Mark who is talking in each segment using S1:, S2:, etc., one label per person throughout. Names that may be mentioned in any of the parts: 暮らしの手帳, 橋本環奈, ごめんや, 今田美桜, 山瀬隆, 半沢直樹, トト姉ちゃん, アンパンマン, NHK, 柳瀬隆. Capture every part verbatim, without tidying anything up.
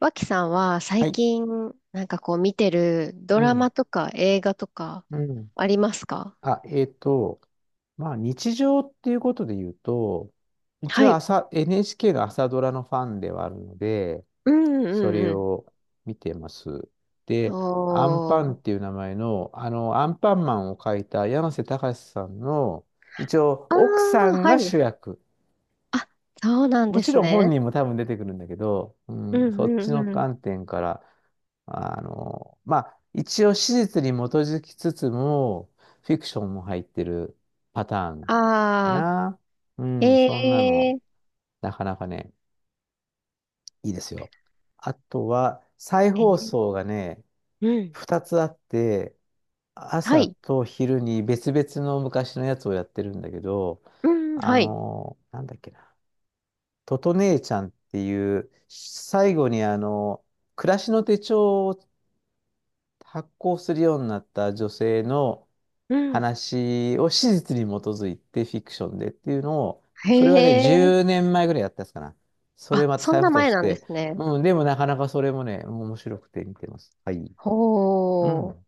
S1: 脇さんは
S2: は
S1: 最
S2: い。
S1: 近、なんかこう見てるド
S2: う
S1: ラ
S2: ん。
S1: マとか映画とか
S2: うん。
S1: ありますか？
S2: あ、えっと、まあ、日常っていうことで言うと、一
S1: は
S2: 応
S1: い。
S2: 朝、エヌエイチケー の朝ドラのファンではあるので、
S1: うん
S2: それ
S1: うん
S2: を見てます。
S1: うん。
S2: で、アンパン
S1: お
S2: って
S1: ー。
S2: いう名前の、あの、アンパンマンを描いた山瀬隆さんの、一応、
S1: あ
S2: 奥さ
S1: あ、
S2: ん
S1: は
S2: が
S1: い。
S2: 主役。
S1: あ、そうなん
S2: も
S1: で
S2: ち
S1: す
S2: ろん本
S1: ね。
S2: 人も多分出てくるんだけど、う
S1: う
S2: ん、そっ
S1: ん
S2: ち
S1: う
S2: の
S1: んうん。
S2: 観点から、あの、まあ、一応史実に基づきつつも、フィクションも入ってるパターンか
S1: あ
S2: な。う
S1: あ、
S2: ん、そんな
S1: へ
S2: の、
S1: え。
S2: なかなかね、いいですよ。あとは、再
S1: え
S2: 放
S1: ね
S2: 送がね、
S1: うん。
S2: ふたつあって、
S1: は
S2: 朝
S1: い。
S2: と昼に別々の昔のやつをやってるんだけど、
S1: うん、
S2: あ
S1: はい。
S2: の、なんだっけな、トト姉ちゃんっていう、最後にあの、暮らしの手帳を発行するようになった女性の
S1: うん。
S2: 話を史実に基づいてフィクションでっていうのを、
S1: へ
S2: それはね、10
S1: え。
S2: 年前ぐらいやったやつかな。それ
S1: あ、
S2: また
S1: そん
S2: 再
S1: な
S2: 布と
S1: 前
S2: し
S1: なんで
S2: て、
S1: すね。
S2: うん、でもなかなかそれもね、面白くて見てます。はい。う
S1: ほー。
S2: ん、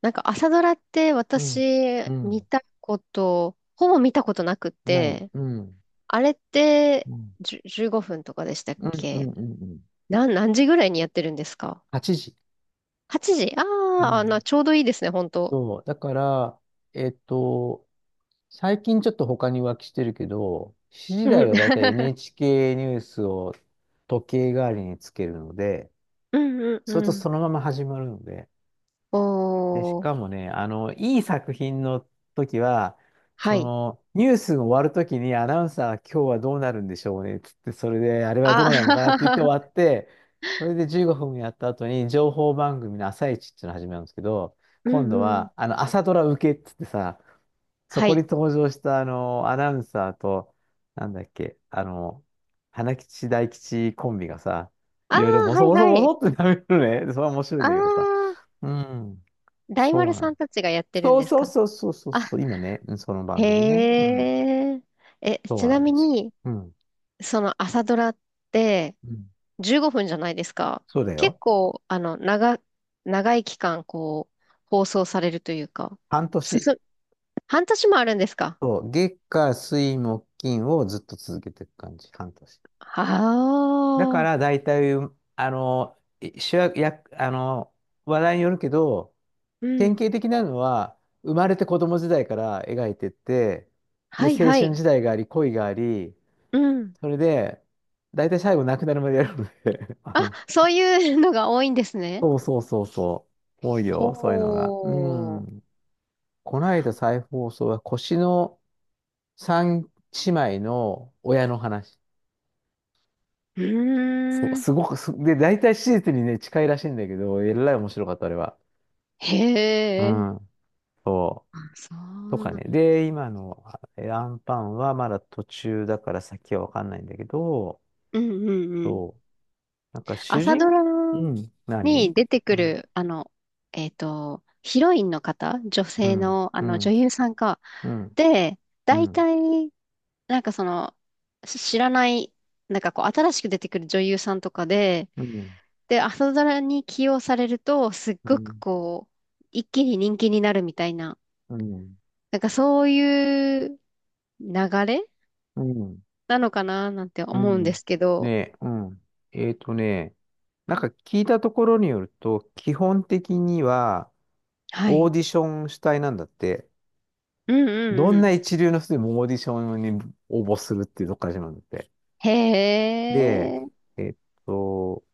S1: なんか朝ドラって
S2: う
S1: 私、
S2: ん、う
S1: 見
S2: ん、
S1: たこと、ほぼ見たことなく
S2: ない、
S1: て、
S2: うん、
S1: あれって、
S2: うん、
S1: じゅ、じゅうごふんとかでしたっ
S2: うん、うん、
S1: け？
S2: うん、うん。
S1: なん、何時ぐらいにやってるんですか？
S2: はちじ。
S1: ?はち 時、あ
S2: う
S1: ー、あ、
S2: ん、
S1: な、ちょうどいいですね、本当。
S2: そう、だから、えっと、最近ちょっと他に浮気してるけど、私時
S1: う
S2: 台
S1: ん
S2: はだいたい エヌエイチケー ニュースを時計代わりにつけるので、
S1: うん、うん
S2: それ
S1: う
S2: と
S1: ん。
S2: そのまま始まるので、で、し
S1: おー、
S2: かもね、あの、いい作品の時は、
S1: は
S2: そ
S1: い。
S2: の、ニュースが終わる時にアナウンサー、今日はどうなるんでしょうね、つって、それで、あれはど
S1: あ、
S2: うなるのかなって言って終 わって、それでじゅうごふんやった後に、情報番組の朝一っていうのを始めるんですけど、
S1: う
S2: 今
S1: ん
S2: 度
S1: うん。
S2: は、あの、朝ドラ受けっつってさ、そ
S1: は
S2: こに
S1: い。
S2: 登場したあの、アナウンサーと、なんだっけ、あの、花吉大吉コンビがさ、
S1: ああ、
S2: いろいろボ
S1: は
S2: ソ
S1: い
S2: ボソ
S1: は
S2: ボ
S1: い。
S2: ソってなめるのね。それは面白いん
S1: ああ、
S2: だけどさ。うん、
S1: 大
S2: そ
S1: 丸
S2: うな
S1: さ
S2: の。
S1: んたちがやってるん
S2: そう
S1: です
S2: そう
S1: か？
S2: そうそうそう
S1: あ、
S2: そう、今ね、うんその番組ね。う
S1: へ
S2: ん、
S1: え。え、
S2: そ
S1: ち
S2: うな
S1: な
S2: ん
S1: み
S2: ですよ。
S1: に、
S2: うん、
S1: その朝ドラって、
S2: うん、
S1: じゅうごふんじゃないですか。
S2: そうだ
S1: 結
S2: よ。
S1: 構、あの、長、長い期間、こう、放送されるというか、
S2: 半
S1: 進
S2: 年。
S1: む、半年もあるんですか？
S2: そう、月火水木金をずっと続けていく感じ、半年。
S1: あ
S2: だか
S1: あー、
S2: ら大体、あの、主役、役あの、話題によるけど、
S1: う
S2: 典
S1: ん。
S2: 型的なのは、生まれて子供時代から描いてって、で、
S1: はい
S2: 青
S1: は
S2: 春
S1: い。
S2: 時代があり、恋があり、
S1: うん。
S2: それで、大体最後亡くなるまでやるので あ
S1: あ、
S2: の、
S1: そういうのが多いんですね。
S2: そうそうそうそう、多いよ、そういうのが。う
S1: ほう。
S2: ん。この間再放送は、腰の三姉妹の親の話。
S1: う
S2: そう、
S1: ーん。
S2: すごくす、で、大体史実にね、近いらしいんだけど、えらい面白かった、あれは。う
S1: へえ。
S2: ん、そ
S1: あ、そ
S2: う。と
S1: う
S2: か
S1: な。
S2: ね。で、今のえアンパンはまだ途中だから先はわかんないんだけど、
S1: うんうんうん。
S2: そう、なんか主
S1: 朝ド
S2: 人、
S1: ラ
S2: うん、
S1: に
S2: 何
S1: 出て
S2: う
S1: く
S2: ん、
S1: る、あの、えっと、ヒロインの方、女
S2: う
S1: 性
S2: ん、
S1: の、あ
S2: う
S1: の、女
S2: ん、
S1: 優さんか。
S2: うん、
S1: で、
S2: う
S1: 大
S2: ん、
S1: 体、なんかその、し知らない、なんかこう、新しく出てくる女優さんとかで、
S2: うん、
S1: で、朝ドラに起用されると、すっ
S2: う
S1: ごく
S2: ん、
S1: こう、一気に人気になるみたいな、
S2: うん、
S1: なんかそういう流れ
S2: うん、
S1: なのかななんて
S2: う
S1: 思うんで
S2: ん
S1: すけ
S2: ね
S1: ど、
S2: え、うん。えっとね、なんか聞いたところによると、基本的には
S1: は
S2: オー
S1: い。
S2: ディション主体なんだって、
S1: うん
S2: ど
S1: うん
S2: ん
S1: う
S2: な
S1: ん。
S2: 一流の人でもオーディションに応募するっていうとこから始まるんだって。
S1: へ
S2: で、えっと、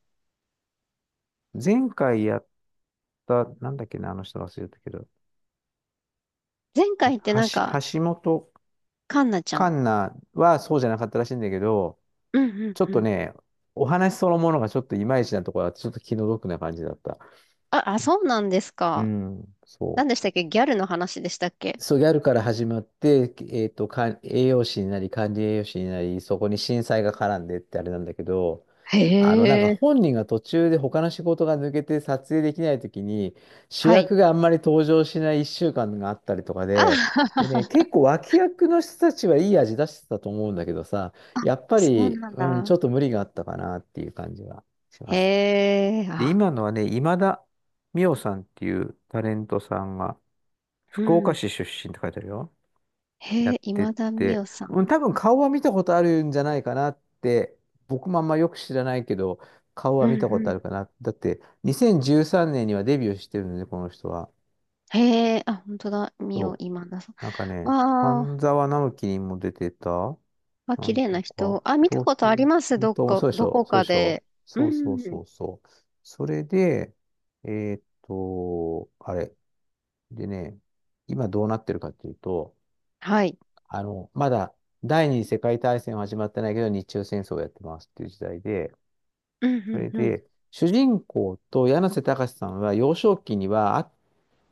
S2: 前回やった、なんだっけな、あの人忘れたけど、
S1: 前
S2: は、
S1: 回ってなんか、
S2: 橋橋本
S1: カンナちゃん。
S2: 環奈はそうじゃなかったらしいんだけど、
S1: うんうん
S2: ちょっ
S1: う
S2: と
S1: ん。
S2: ね、お話そのものがちょっといまいちなところは、ちょっと気の毒な感じだった。
S1: あ、あ、そうなんです
S2: う
S1: か？
S2: ん、そ
S1: 何でし
S2: う。
S1: たっけ？ギャルの話でしたっけ？
S2: そう、ギャルから始まって、えっと、か栄養士になり、管理栄養士になり、そこに震災が絡んでってあれなんだけど、
S1: へ
S2: あの、なんか
S1: え。
S2: 本人が途中で他の仕事が抜けて撮影できないときに、主
S1: はい。
S2: 役があんまり登場しないいっしゅうかんがあったりとか
S1: あ、
S2: で、でね、結構脇役の人たちはいい味出してたと思うんだけどさ、
S1: あ、
S2: やっぱ
S1: そう
S2: り、
S1: なん
S2: うん、ちょ
S1: だ。
S2: っと無理があったかなっていう感じはしま
S1: へ
S2: す。
S1: え、
S2: で、
S1: あ、
S2: 今のはね、今田美桜さんっていうタレントさんが、
S1: う
S2: 福岡
S1: ん。
S2: 市出身って書いてあるよ。や
S1: へえ、
S2: ってっ
S1: 今田美
S2: て、
S1: 桜さん。
S2: うん多分顔は見たことあるんじゃないかなって、僕もあんまよく知らないけど、顔
S1: う
S2: は
S1: ん
S2: 見たこ
S1: う
S2: とあ
S1: ん。
S2: るかな。だって、にせんじゅうさんねんにはデビューしてるので、この人は。
S1: へえ、あ、本当だ。美桜
S2: そ
S1: 今田さん。
S2: う。なんかね、
S1: わ
S2: 半
S1: あ、
S2: 沢直樹にも出てた、
S1: あ、
S2: な
S1: 綺
S2: ん
S1: 麗
S2: と
S1: な
S2: か、
S1: 人。あ、見た
S2: 東
S1: ことあり
S2: 京、
S1: ます。どっ
S2: 本
S1: か、
S2: そうでし
S1: ど
S2: ょ、
S1: こ
S2: そう
S1: か
S2: でしょ。
S1: で。う
S2: そうそうそ
S1: ん。
S2: うそう。それで、えーっと、あれ。でね、今どうなってるかっていうと、
S1: はい。
S2: あの、まだ第二次世界大戦は始まってないけど、日中戦争をやってますっていう時代で、
S1: う
S2: そ
S1: ん
S2: れ
S1: うん
S2: で、主人公と柳瀬隆さんは幼少期にはあ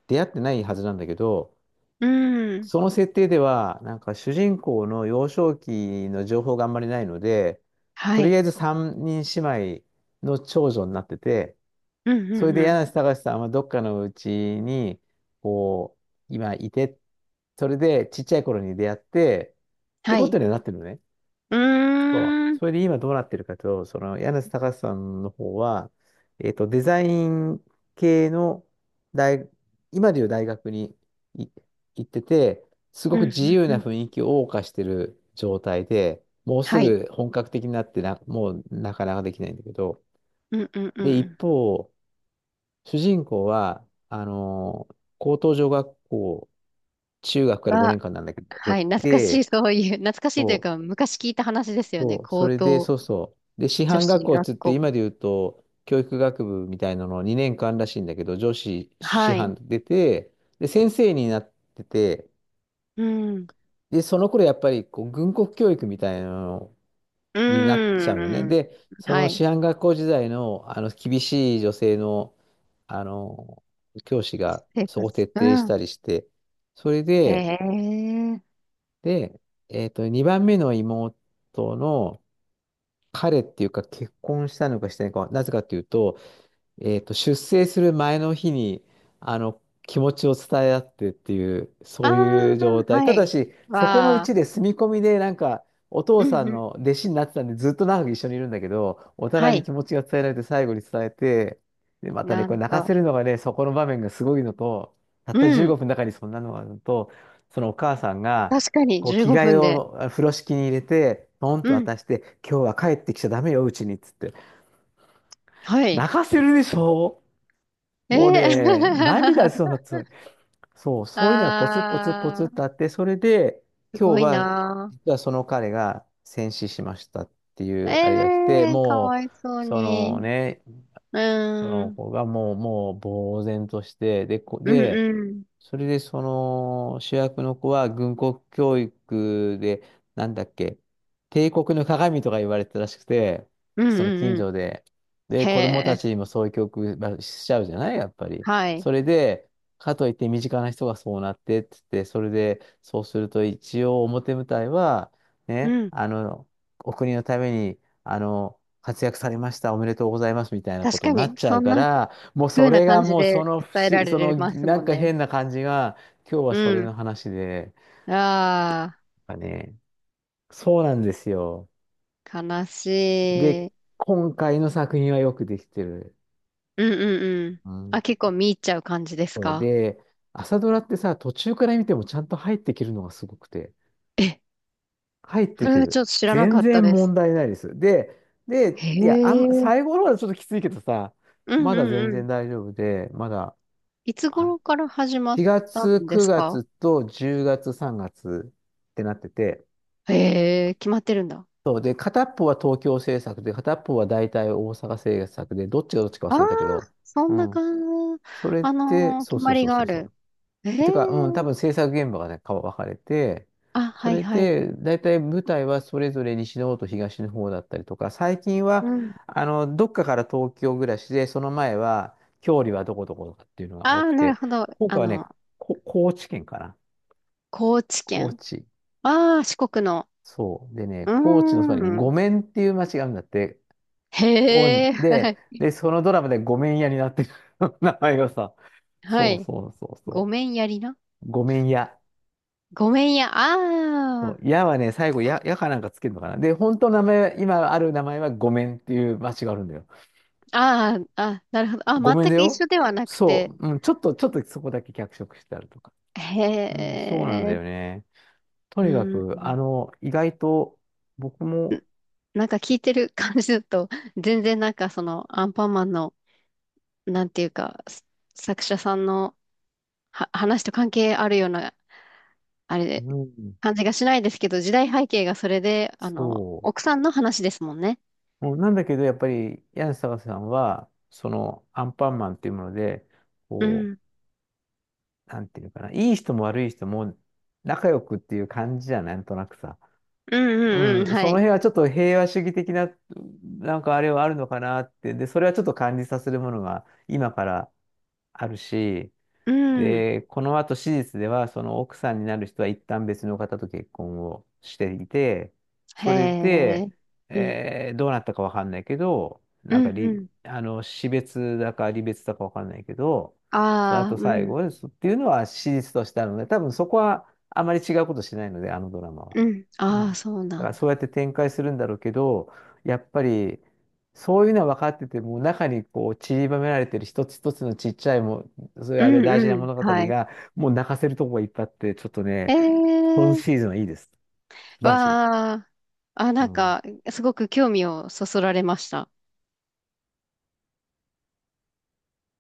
S2: 出会ってないはずなんだけど、
S1: うん。うん。
S2: その設定では、なんか主人公の幼少期の情報があんまりないので、
S1: は
S2: とりあ
S1: い。
S2: えず三人姉妹の長女になってて、
S1: うん
S2: そ
S1: う
S2: れ
S1: ん
S2: で
S1: うん。
S2: 柳瀬隆さんはどっかのうちに、こう、今いて、それでちっちゃい頃に出会って、って
S1: は
S2: こと
S1: い。
S2: にはなってるのね。
S1: うー
S2: そ
S1: ん。う
S2: う。
S1: ん
S2: それで今どうなってるかと、その柳瀬隆さんの方は、えっと、デザイン系の大、今でいう大学にい行ってて、すご
S1: う
S2: く自
S1: ん
S2: 由
S1: う
S2: な
S1: ん。
S2: 雰囲気を謳歌してる状態で、もうす
S1: はい。
S2: ぐ本格的になってな、もうなかなかできないんだけど、
S1: うんうんう
S2: で、一
S1: ん。
S2: 方、主人公は、あの、高等女学校、中学から5
S1: は、
S2: 年間なんだけど、出
S1: はい。懐かしい、
S2: て、
S1: そういう、懐かしいという
S2: そう
S1: か、昔聞いた話ですよね。
S2: そう、そ
S1: 高
S2: れで、
S1: 等
S2: そうそう。で、師
S1: 女
S2: 範学
S1: 子
S2: 校っ
S1: 学
S2: つって、
S1: 校。
S2: 今で言うと、教育学部みたいなのにねんかんらしいんだけど、女子師
S1: はい。
S2: 範出て、で、先生になってて、
S1: うん。
S2: で、その頃やっぱりこう軍国教育みたいなの
S1: う
S2: になっちゃうのね。
S1: ーん。
S2: で、そ
S1: は
S2: の
S1: い。
S2: 師範学校時代の、あの厳しい女性の、あの、教師が
S1: 生
S2: そ
S1: 活。
S2: こ徹底
S1: う
S2: し
S1: ん。
S2: たりして、それ
S1: へ
S2: で、
S1: え。
S2: で、えっと、にばんめの妹の、彼っていうか結婚したのかしてないのかは、なぜかというと、えっと、出征する前の日に、あの、気持ちを伝え合ってっていう、
S1: あ
S2: そうい
S1: あ、
S2: う状態。
S1: は
S2: ただ
S1: い。
S2: し、そこのう
S1: わ
S2: ち
S1: あ。
S2: で住み込みで、なんか、お父
S1: う
S2: さ
S1: ん
S2: ん
S1: うん。
S2: の弟子になってたんで、ずっと長く一緒にいるんだけど、お互
S1: は
S2: いに
S1: い。
S2: 気持ちが伝えられて、最後に伝えて、で、またね、
S1: な
S2: これ
S1: ん
S2: 泣か
S1: と。
S2: せるのがね、そこの場面がすごいのと、たった
S1: う
S2: 15
S1: ん。
S2: 分の中にそんなのがあるのと、そのお母さんが、
S1: 確かに、
S2: こう、
S1: 15
S2: 着替え
S1: 分で。
S2: をあ風呂敷に入れて、ポン
S1: う
S2: と
S1: ん。
S2: 渡して、今日は帰ってきちゃダメよ、うちに、っつって。
S1: はい。
S2: 泣かせるでしょ。
S1: え
S2: もう
S1: え
S2: ね、涙しそうになってた、そう、そういうのがポツポツポツ
S1: あ
S2: ってあ
S1: あ、
S2: って、それで、
S1: すご
S2: 今日
S1: い
S2: は、
S1: なー。
S2: 実はその彼が戦死しましたってい
S1: え
S2: うあれが来て、
S1: えー、か
S2: も
S1: わいそ
S2: う、
S1: う
S2: その
S1: に。
S2: ね、
S1: う
S2: そ
S1: ー
S2: の
S1: ん。
S2: 子がもう、もう、呆然として、で、こ、
S1: うん
S2: で、
S1: うん。
S2: それで、その、主役の子は軍国教育で、なんだっけ、帝国の鏡とか言われてたらしくて、
S1: うん
S2: その
S1: う
S2: 近
S1: んうん。
S2: 所で。で、
S1: へ
S2: 子供た
S1: え。
S2: ちにもそういう教育まあしちゃうじゃないやっぱり。
S1: はい。
S2: それで、かといって身近な人がそうなってって言って、それで、そうすると一応表舞台は、
S1: う
S2: ね、
S1: ん。
S2: あの、お国のために、あの、活躍されました、おめでとうございますみたいなこ
S1: 確
S2: と
S1: か
S2: になっ
S1: に、
S2: ちゃ
S1: そ
S2: う
S1: ん
S2: か
S1: な
S2: ら、もうそ
S1: 風な
S2: れが
S1: 感じ
S2: もうそ
S1: で
S2: の不
S1: 伝えら
S2: 思、その
S1: れます
S2: な
S1: も
S2: ん
S1: ん
S2: か
S1: ね。
S2: 変な感じが、今日はそ
S1: う
S2: れの
S1: ん。
S2: 話で、
S1: あ
S2: なんかね、そうなんですよ。
S1: あ、悲し
S2: で、
S1: い。う
S2: 今回の作品はよくできてる。
S1: んうんうん。
S2: う
S1: あ、
S2: ん。
S1: 結構見入っちゃう感じです
S2: そう
S1: か？
S2: で、朝ドラってさ、途中から見てもちゃんと入ってきるのがすごくて、
S1: え、
S2: 入って
S1: そ
S2: き
S1: れはち
S2: る。
S1: ょっと知らなか
S2: 全
S1: った
S2: 然
S1: で
S2: 問
S1: す。
S2: 題ないです。で、で、
S1: へ
S2: いや、あんま、最
S1: え。
S2: 後の方はちょっときついけどさ、
S1: う
S2: ま
S1: ん
S2: だ
S1: う
S2: 全
S1: んう
S2: 然
S1: ん。
S2: 大丈夫で、まだ、
S1: いつ
S2: あ
S1: 頃から始まっ
S2: 4
S1: た
S2: 月、
S1: んです
S2: 9
S1: か？
S2: 月とじゅうがつ、さんがつってなってて、
S1: へえ、決まってるんだ。
S2: そうで、片っぽは東京政策で、片っぽは大体大阪政策で、どっちがどっちか
S1: あ
S2: 忘
S1: あ、
S2: れたけど、
S1: そ
S2: う
S1: んな
S2: ん。
S1: 感じ。
S2: それっ
S1: あ
S2: て、
S1: のー
S2: そ
S1: 決
S2: うそ
S1: ま
S2: う
S1: り
S2: そう
S1: が
S2: そ
S1: あ
S2: う
S1: る。
S2: そ
S1: え
S2: う。て
S1: え、
S2: か、うん、多分制作現場がね、か分かれて、
S1: あ、
S2: そ
S1: はい
S2: れ
S1: はい。
S2: で、大体舞台はそれぞれ西の方と東の方だったりとか、最近
S1: う
S2: は、
S1: ん。
S2: あの、どっかから東京暮らしで、その前は、郷里はどこどことかっていうのが
S1: あ
S2: 多
S1: あ、
S2: く
S1: なる
S2: て、
S1: ほど。
S2: 今
S1: あ
S2: 回はね、
S1: の、
S2: こ、高知県かな。
S1: 高知
S2: 高
S1: 県。
S2: 知。
S1: ああ、四国の。
S2: そう。でね、
S1: う
S2: 高知のそばに
S1: ーん。
S2: 五面っていう町があるんだって、オ
S1: へ
S2: ン
S1: え、は
S2: で、
S1: い。
S2: で、そのドラマでごめんやになってる 名前がさ。
S1: は
S2: そう
S1: い。
S2: そうそう
S1: ご
S2: そ
S1: めんやりな。
S2: う。ごめんや。
S1: ごめんや。あ
S2: そう、
S1: あ、
S2: やはね、最後や、やかなんかつけるのかな。で、本当の名前、今ある名前はごめんっていう町があるんだよ。
S1: ああ、あ、なるほど。あ、
S2: ごめん
S1: 全
S2: だ
S1: く一
S2: よ。
S1: 緒ではなくて。
S2: そう。うん、ちょっと、ちょっとそこだけ脚色してあるとか。
S1: へ
S2: うん、そうなんだ
S1: え、
S2: よね。と
S1: う
S2: にかく、あ
S1: ん。
S2: の、意外と僕も、
S1: なんか聞いてる感じだと、全然なんかそのアンパンマンの、なんていうか、す作者さんのは話と関係あるような、あれ
S2: う
S1: で、
S2: ん、
S1: 感じがしないですけど、時代背景がそれで、あの、
S2: そ
S1: 奥さんの話ですもんね。
S2: う。もうなんだけど、やっぱり、柳沢さんは、その、アンパンマンっていうもので、
S1: う
S2: こう、
S1: ん。
S2: なんていうのかな、いい人も悪い人も仲良くっていう感じじゃん、なんとなくさ。
S1: うんうんうん、
S2: うん、
S1: は
S2: その
S1: い。
S2: 辺はちょっと平和主義的な、なんかあれはあるのかなって、で、それはちょっと感じさせるものが今からあるし、
S1: うん。
S2: で、この後史実では、その奥さんになる人は一旦別の方と結婚をしていて、
S1: へ
S2: それで、
S1: え。うん。
S2: えーどうなったかわかんないけど、
S1: う
S2: なんか
S1: んう
S2: り、
S1: ん。
S2: あの、死別だか離別だかわかんないけど、その
S1: ああ、
S2: 後
S1: う
S2: 最
S1: ん。
S2: 後ですっていうのは史実としてあるので、多分そこはあまり違うことしないので、あのドラマは。
S1: うん。
S2: うん。
S1: あ
S2: だ
S1: あ、そう
S2: か
S1: な
S2: ら
S1: ん
S2: そ
S1: だ。
S2: うやって展開するんだろうけど、やっぱり、そういうのは分かってても、中にこう散りばめられてる一つ一つのちっちゃいもそういう
S1: う
S2: あれ
S1: ん
S2: 大事な
S1: う
S2: 物語
S1: ん。はい。
S2: が、もう泣かせるとこがいっぱいあって、ちょっとね、
S1: え
S2: 今シー
S1: え。
S2: ズンはいいです。素晴らしい。
S1: わあ。あ、
S2: う
S1: なん
S2: ん。
S1: か、すごく興味をそそられました。